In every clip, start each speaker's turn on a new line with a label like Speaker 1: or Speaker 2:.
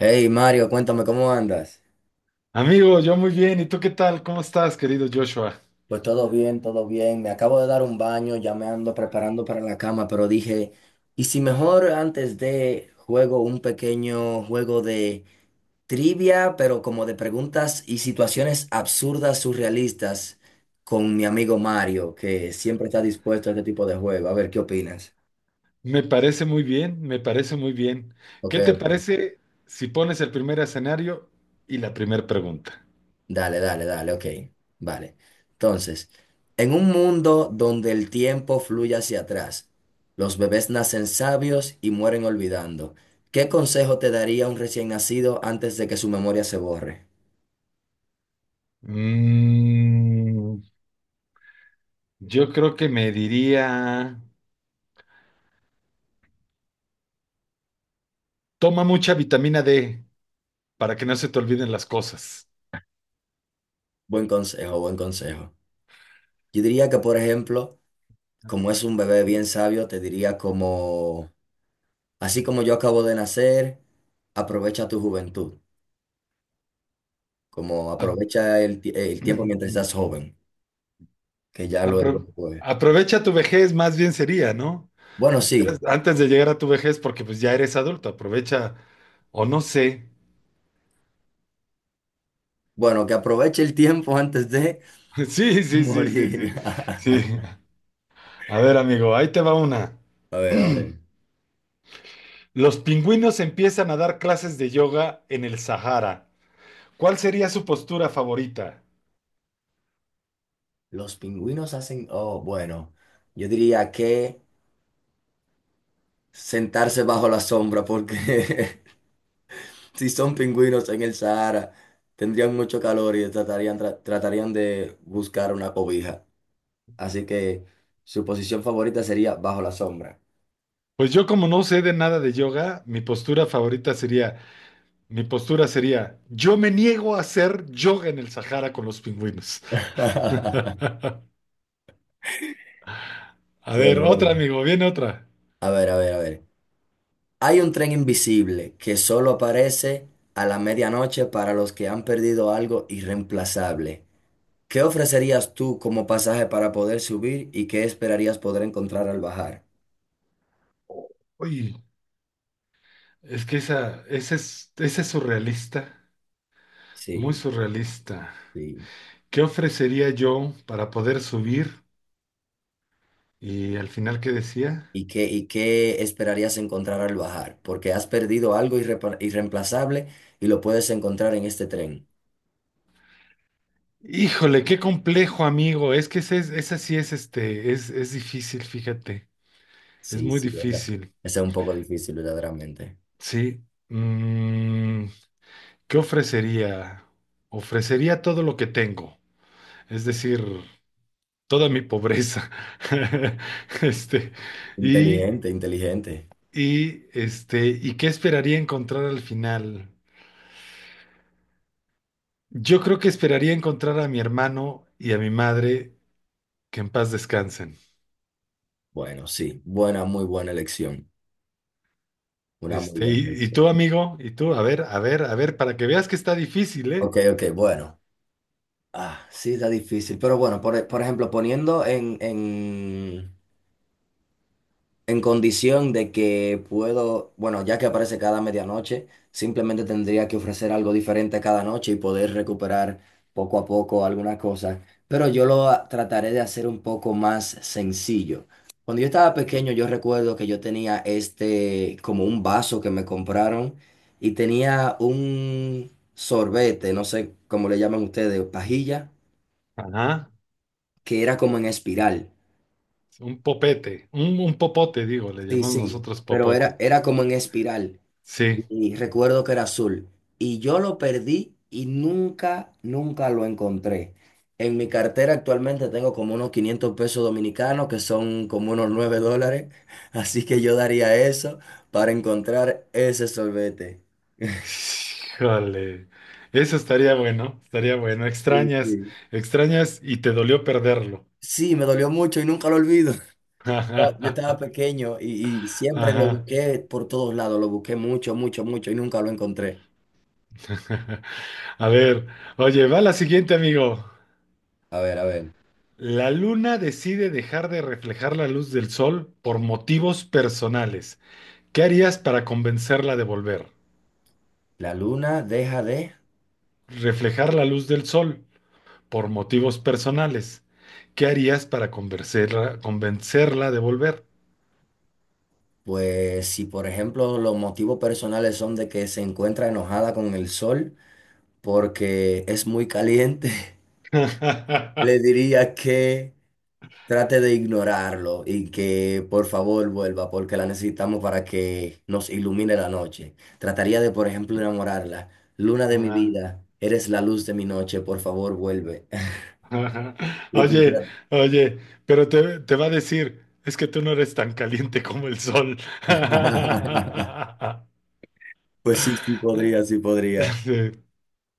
Speaker 1: Hey Mario, cuéntame cómo andas.
Speaker 2: Amigo, yo muy bien. ¿Y tú qué tal? ¿Cómo estás, querido Joshua?
Speaker 1: Pues todo bien, todo bien. Me acabo de dar un baño, ya me ando preparando para la cama, pero dije, ¿y si mejor antes de juego un pequeño juego de trivia, pero como de preguntas y situaciones absurdas, surrealistas, con mi amigo Mario, que siempre está dispuesto a este tipo de juego? A ver, ¿qué opinas?
Speaker 2: Me parece muy bien, me parece muy bien.
Speaker 1: Ok,
Speaker 2: ¿Qué te
Speaker 1: ok.
Speaker 2: parece si pones el primer escenario y la primera pregunta?
Speaker 1: Dale, dale, dale, ok. Vale. Entonces, en un mundo donde el tiempo fluye hacia atrás, los bebés nacen sabios y mueren olvidando. ¿Qué consejo te daría un recién nacido antes de que su memoria se borre?
Speaker 2: Mm, yo creo que me diría, toma mucha vitamina D para que no se te olviden las cosas.
Speaker 1: Buen consejo, buen consejo. Yo diría que, por ejemplo, como es un bebé bien sabio, te diría como, así como yo acabo de nacer, aprovecha tu juventud, como
Speaker 2: A-
Speaker 1: aprovecha el tiempo mientras estás joven, que ya luego,
Speaker 2: Apro-
Speaker 1: pues,
Speaker 2: aprovecha tu vejez, más bien sería, ¿no?
Speaker 1: bueno, sí.
Speaker 2: Antes de llegar a tu vejez, porque pues ya eres adulto, aprovecha, o no sé.
Speaker 1: Bueno, que aproveche el tiempo antes de
Speaker 2: Sí, sí, sí, sí, sí.
Speaker 1: morir.
Speaker 2: Sí. A ver, amigo, ahí te va una.
Speaker 1: A ver, a ver.
Speaker 2: Los pingüinos empiezan a dar clases de yoga en el Sahara. ¿Cuál sería su postura favorita?
Speaker 1: Los pingüinos hacen... Oh, bueno. Yo diría que sentarse bajo la sombra porque si son pingüinos en el Sahara, tendrían mucho calor y tratarían de buscar una cobija. Así que su posición favorita sería bajo la sombra.
Speaker 2: Pues yo como no sé de nada de yoga, mi postura favorita sería, mi postura sería, yo me niego a hacer yoga en el Sahara con los pingüinos. A ver,
Speaker 1: Bueno, bueno.
Speaker 2: otra, amigo, viene otra.
Speaker 1: A ver, a ver, a ver. Hay un tren invisible que solo aparece a la medianoche para los que han perdido algo irreemplazable. ¿Qué ofrecerías tú como pasaje para poder subir y qué esperarías poder encontrar al bajar?
Speaker 2: Uy, es que esa es surrealista, muy
Speaker 1: Sí,
Speaker 2: surrealista.
Speaker 1: sí.
Speaker 2: ¿Qué ofrecería yo para poder subir? Y al final, ¿qué decía?
Speaker 1: ¿Y qué esperarías encontrar al bajar? Porque has perdido algo irreemplazable y lo puedes encontrar en este tren.
Speaker 2: Híjole, qué complejo, amigo. Es que ese, es- esa sí es este, es difícil, fíjate. Es
Speaker 1: Sí,
Speaker 2: muy
Speaker 1: sí, esa,
Speaker 2: difícil.
Speaker 1: esa es un poco difícil, verdaderamente.
Speaker 2: Sí. ¿Qué ofrecería? Ofrecería todo lo que tengo. Es decir, toda mi pobreza. Este, y,
Speaker 1: Inteligente, inteligente.
Speaker 2: y este, ¿y qué esperaría encontrar al final? Yo creo que esperaría encontrar a mi hermano y a mi madre, que en paz descansen.
Speaker 1: Bueno, sí, buena, muy buena elección. Una muy
Speaker 2: Este,
Speaker 1: buena
Speaker 2: y
Speaker 1: elección.
Speaker 2: tú, amigo, y tú, a ver, a ver, a ver, para que veas que está difícil, ¿eh?
Speaker 1: Ok, ok, bueno. Ah, sí, está difícil. Pero bueno, por ejemplo, en condición de que puedo, bueno, ya que aparece cada medianoche, simplemente tendría que ofrecer algo diferente cada noche y poder recuperar poco a poco algunas cosas. Pero trataré de hacer un poco más sencillo. Cuando yo estaba pequeño, yo recuerdo que yo tenía este, como un vaso que me compraron y tenía un sorbete, no sé cómo le llaman ustedes, pajilla,
Speaker 2: Ajá.
Speaker 1: que era como en espiral.
Speaker 2: Un popete, un popote, digo, le
Speaker 1: Sí,
Speaker 2: llamamos
Speaker 1: sí,
Speaker 2: nosotros
Speaker 1: pero
Speaker 2: popote.
Speaker 1: era como en espiral.
Speaker 2: Sí.
Speaker 1: Y recuerdo que era azul. Y yo lo perdí y nunca lo encontré. En mi cartera actualmente tengo como unos 500 pesos dominicanos, que son como unos 9 dólares. Así que yo daría eso para encontrar ese sorbete.
Speaker 2: Híjole. Eso estaría bueno, estaría bueno.
Speaker 1: Sí,
Speaker 2: Extrañas,
Speaker 1: sí.
Speaker 2: extrañas y te dolió perderlo.
Speaker 1: Sí, me dolió mucho y nunca lo olvido. Ah, yo estaba pequeño y siempre lo
Speaker 2: Ajá.
Speaker 1: busqué por todos lados, lo busqué mucho, mucho, mucho y nunca lo encontré.
Speaker 2: A ver, oye, va la siguiente, amigo.
Speaker 1: A ver, a ver.
Speaker 2: La luna decide dejar de reflejar la luz del sol por motivos personales. ¿Qué harías para convencerla de volver?
Speaker 1: La luna deja de...
Speaker 2: Reflejar la luz del sol por motivos personales. ¿Qué harías para convencerla de volver?
Speaker 1: Pues si por ejemplo los motivos personales son de que se encuentra enojada con el sol porque es muy caliente, le diría que trate de ignorarlo y que por favor vuelva porque la necesitamos para que nos ilumine la noche. Trataría de por ejemplo enamorarla. Luna de mi vida, eres la luz de mi noche, por favor vuelve. Y pues,
Speaker 2: Oye,
Speaker 1: tra-
Speaker 2: oye, pero te va a decir, es que tú no eres tan caliente como el sol.
Speaker 1: pues sí, sí podría, sí podría.
Speaker 2: Sí.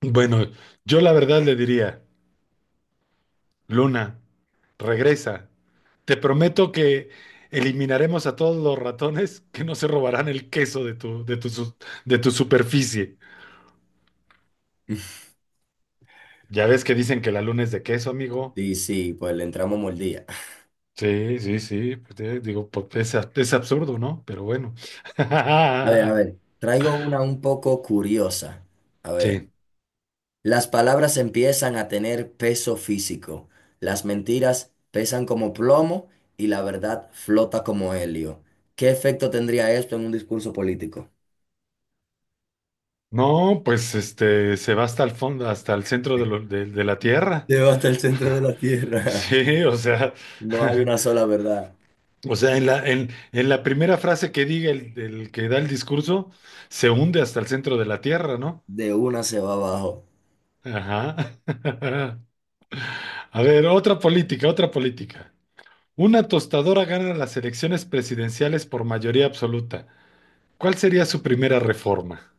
Speaker 2: Bueno, yo la verdad le diría, Luna. Regresa. Te prometo que eliminaremos a todos los ratones que no se robarán el queso de tu superficie. Ya ves que dicen que la luna es de queso, amigo.
Speaker 1: Sí, sí, pues le entramos mordida.
Speaker 2: Sí, sí, sí. Pues, digo, pues, es, a- es absurdo, ¿no? Pero bueno.
Speaker 1: A ver, traigo una un poco curiosa. A ver,
Speaker 2: Sí.
Speaker 1: las palabras empiezan a tener peso físico, las mentiras pesan como plomo y la verdad flota como helio. ¿Qué efecto tendría esto en un discurso político?
Speaker 2: No, pues este se va hasta el fondo, hasta el centro de, lo- de la Tierra.
Speaker 1: Lleva hasta el centro de la tierra.
Speaker 2: Sí, o sea,
Speaker 1: No hay una sola verdad.
Speaker 2: o sea, en la primera frase que diga el que da el discurso, se hunde hasta el centro de la tierra, ¿no?
Speaker 1: De una se va abajo.
Speaker 2: Ajá. A ver, otra política, otra política. Una tostadora gana las elecciones presidenciales por mayoría absoluta. ¿Cuál sería su primera reforma?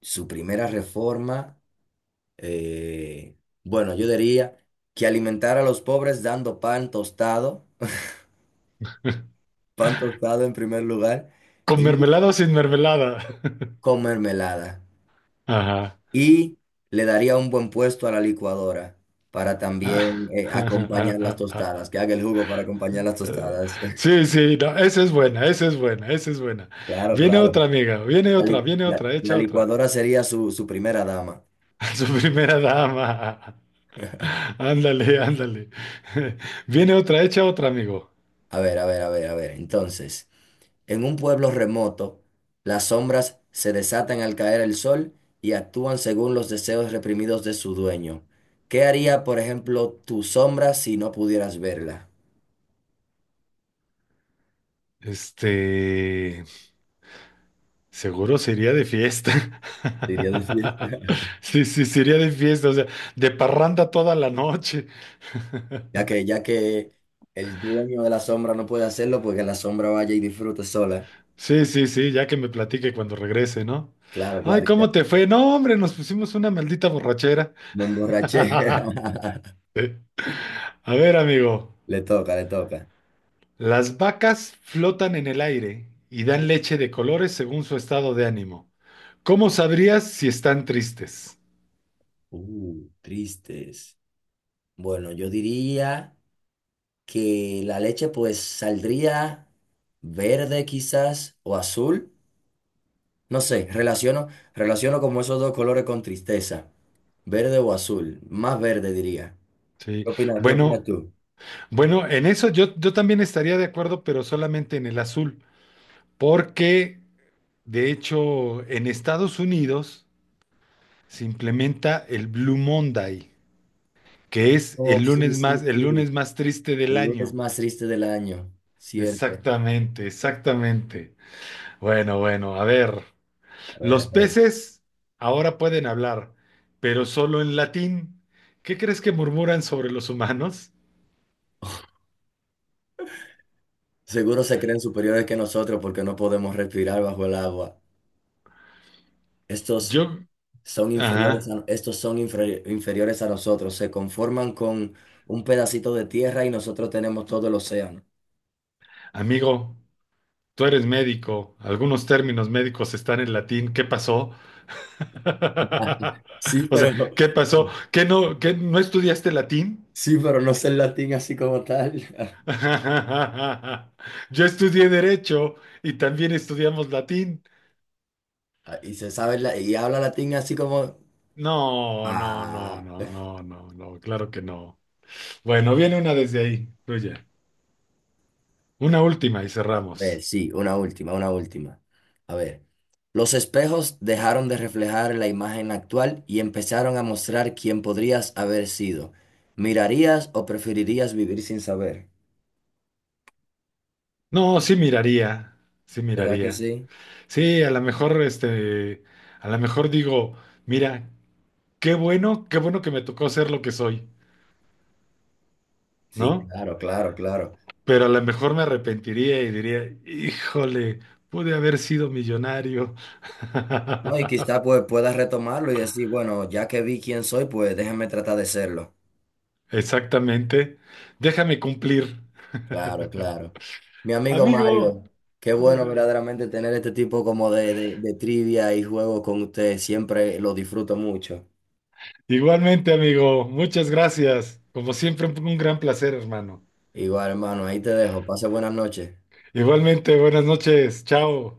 Speaker 1: Su primera reforma, eh, bueno, yo diría que alimentar a los pobres dando pan tostado en primer lugar.
Speaker 2: ¿Con mermelada o sin mermelada?
Speaker 1: Con mermelada
Speaker 2: Ajá.
Speaker 1: y le daría un buen puesto a la licuadora para también acompañar las tostadas, que haga el jugo para acompañar las tostadas.
Speaker 2: Sí, sí, no, esa es buena, esa es buena, esa es buena.
Speaker 1: Claro,
Speaker 2: Viene
Speaker 1: claro.
Speaker 2: otra, amiga,
Speaker 1: La, li-
Speaker 2: viene
Speaker 1: la-
Speaker 2: otra,
Speaker 1: la
Speaker 2: echa otra.
Speaker 1: licuadora sería su primera dama.
Speaker 2: A su primera dama. Ándale, ándale. Viene otra, hecha otra, amigo.
Speaker 1: A ver, a ver, a ver, a ver. Entonces, en un pueblo remoto, las sombras se desatan al caer el sol y actúan según los deseos reprimidos de su dueño. ¿Qué haría, por ejemplo, tu sombra si no pudieras verla?
Speaker 2: Este, seguro sería de fiesta.
Speaker 1: Diría de fiesta.
Speaker 2: Sí, sí, sería de fiesta, o sea, de parranda toda la noche.
Speaker 1: Ya que el dueño de la sombra no puede hacerlo, porque la sombra vaya y disfrute sola.
Speaker 2: Sí, sí, sí, ya que me platique cuando regrese, ¿no?
Speaker 1: Claro,
Speaker 2: Ay,
Speaker 1: Claro. claro. y
Speaker 2: ¿cómo
Speaker 1: te-
Speaker 2: te fue? No, hombre, nos pusimos una maldita borrachera.
Speaker 1: Me emborraché.
Speaker 2: Eh, a ver, amigo,
Speaker 1: Le toca, le toca.
Speaker 2: las vacas flotan en el aire y dan leche de colores según su estado de ánimo. ¿Cómo sabrías si están tristes?
Speaker 1: Tristes. Bueno, yo diría que la leche pues saldría verde quizás o azul. No sé, relaciono como esos dos colores con tristeza. Verde o azul. Más verde diría.
Speaker 2: Sí.
Speaker 1: ¿Qué opinas? ¿Qué opinas
Speaker 2: Bueno,
Speaker 1: tú?
Speaker 2: bueno, en eso yo también estaría de acuerdo, pero solamente en el azul, porque de hecho en Estados Unidos se implementa el Blue Monday, que es
Speaker 1: Oh, sí, sí,
Speaker 2: el
Speaker 1: sí.
Speaker 2: lunes más triste del
Speaker 1: El lunes
Speaker 2: año.
Speaker 1: más triste del año. Cierto.
Speaker 2: Exactamente, exactamente. Bueno, bueno, a ver.
Speaker 1: A ver, a
Speaker 2: Los
Speaker 1: ver.
Speaker 2: peces ahora pueden hablar, pero solo en latín. ¿Qué crees que murmuran sobre los humanos?
Speaker 1: Seguro se creen superiores que nosotros porque no podemos respirar bajo el agua. Estos
Speaker 2: Yo,
Speaker 1: son inferiores
Speaker 2: ajá.
Speaker 1: a, estos son inferi- inferiores a nosotros. Se conforman con un pedacito de tierra y nosotros tenemos todo el océano.
Speaker 2: Amigo, tú eres médico. Algunos términos médicos están en latín. ¿Qué pasó?
Speaker 1: Sí,
Speaker 2: O sea,
Speaker 1: pero no,
Speaker 2: ¿qué pasó? Qué no estudiaste latín?
Speaker 1: sí, pero no sé el latín así como tal.
Speaker 2: Yo estudié derecho y también estudiamos latín.
Speaker 1: Ah, y se sabe y habla latín así como.
Speaker 2: No, no, no,
Speaker 1: Ah.
Speaker 2: no, no, no, no, claro que no. Bueno, viene una desde ahí, tuya. Una última y
Speaker 1: ver,
Speaker 2: cerramos.
Speaker 1: sí, una última, una última. A ver, los espejos dejaron de reflejar la imagen actual y empezaron a mostrar quién podrías haber sido. ¿Mirarías o preferirías vivir sin saber?
Speaker 2: No, sí miraría, sí
Speaker 1: ¿Verdad que
Speaker 2: miraría.
Speaker 1: sí?
Speaker 2: Sí, a lo mejor, este, a lo mejor digo, mira, qué bueno que me tocó ser lo que soy,
Speaker 1: Sí,
Speaker 2: ¿no?
Speaker 1: claro, claro, claro.
Speaker 2: Pero a lo mejor me arrepentiría y diría, híjole, pude haber sido millonario.
Speaker 1: No, y quizá pues puedas retomarlo y decir, bueno, ya que vi quién soy, pues déjame tratar de serlo.
Speaker 2: Exactamente. Déjame cumplir.
Speaker 1: Claro, claro. Mi amigo
Speaker 2: Amigo.
Speaker 1: Mario, qué bueno verdaderamente tener este tipo como de trivia y juego con usted. Siempre lo disfruto mucho.
Speaker 2: Igualmente, amigo. Muchas gracias. Como siempre, un gran placer, hermano.
Speaker 1: Igual, hermano, ahí te dejo. Pase buenas noches.
Speaker 2: Igualmente, buenas noches. Chao.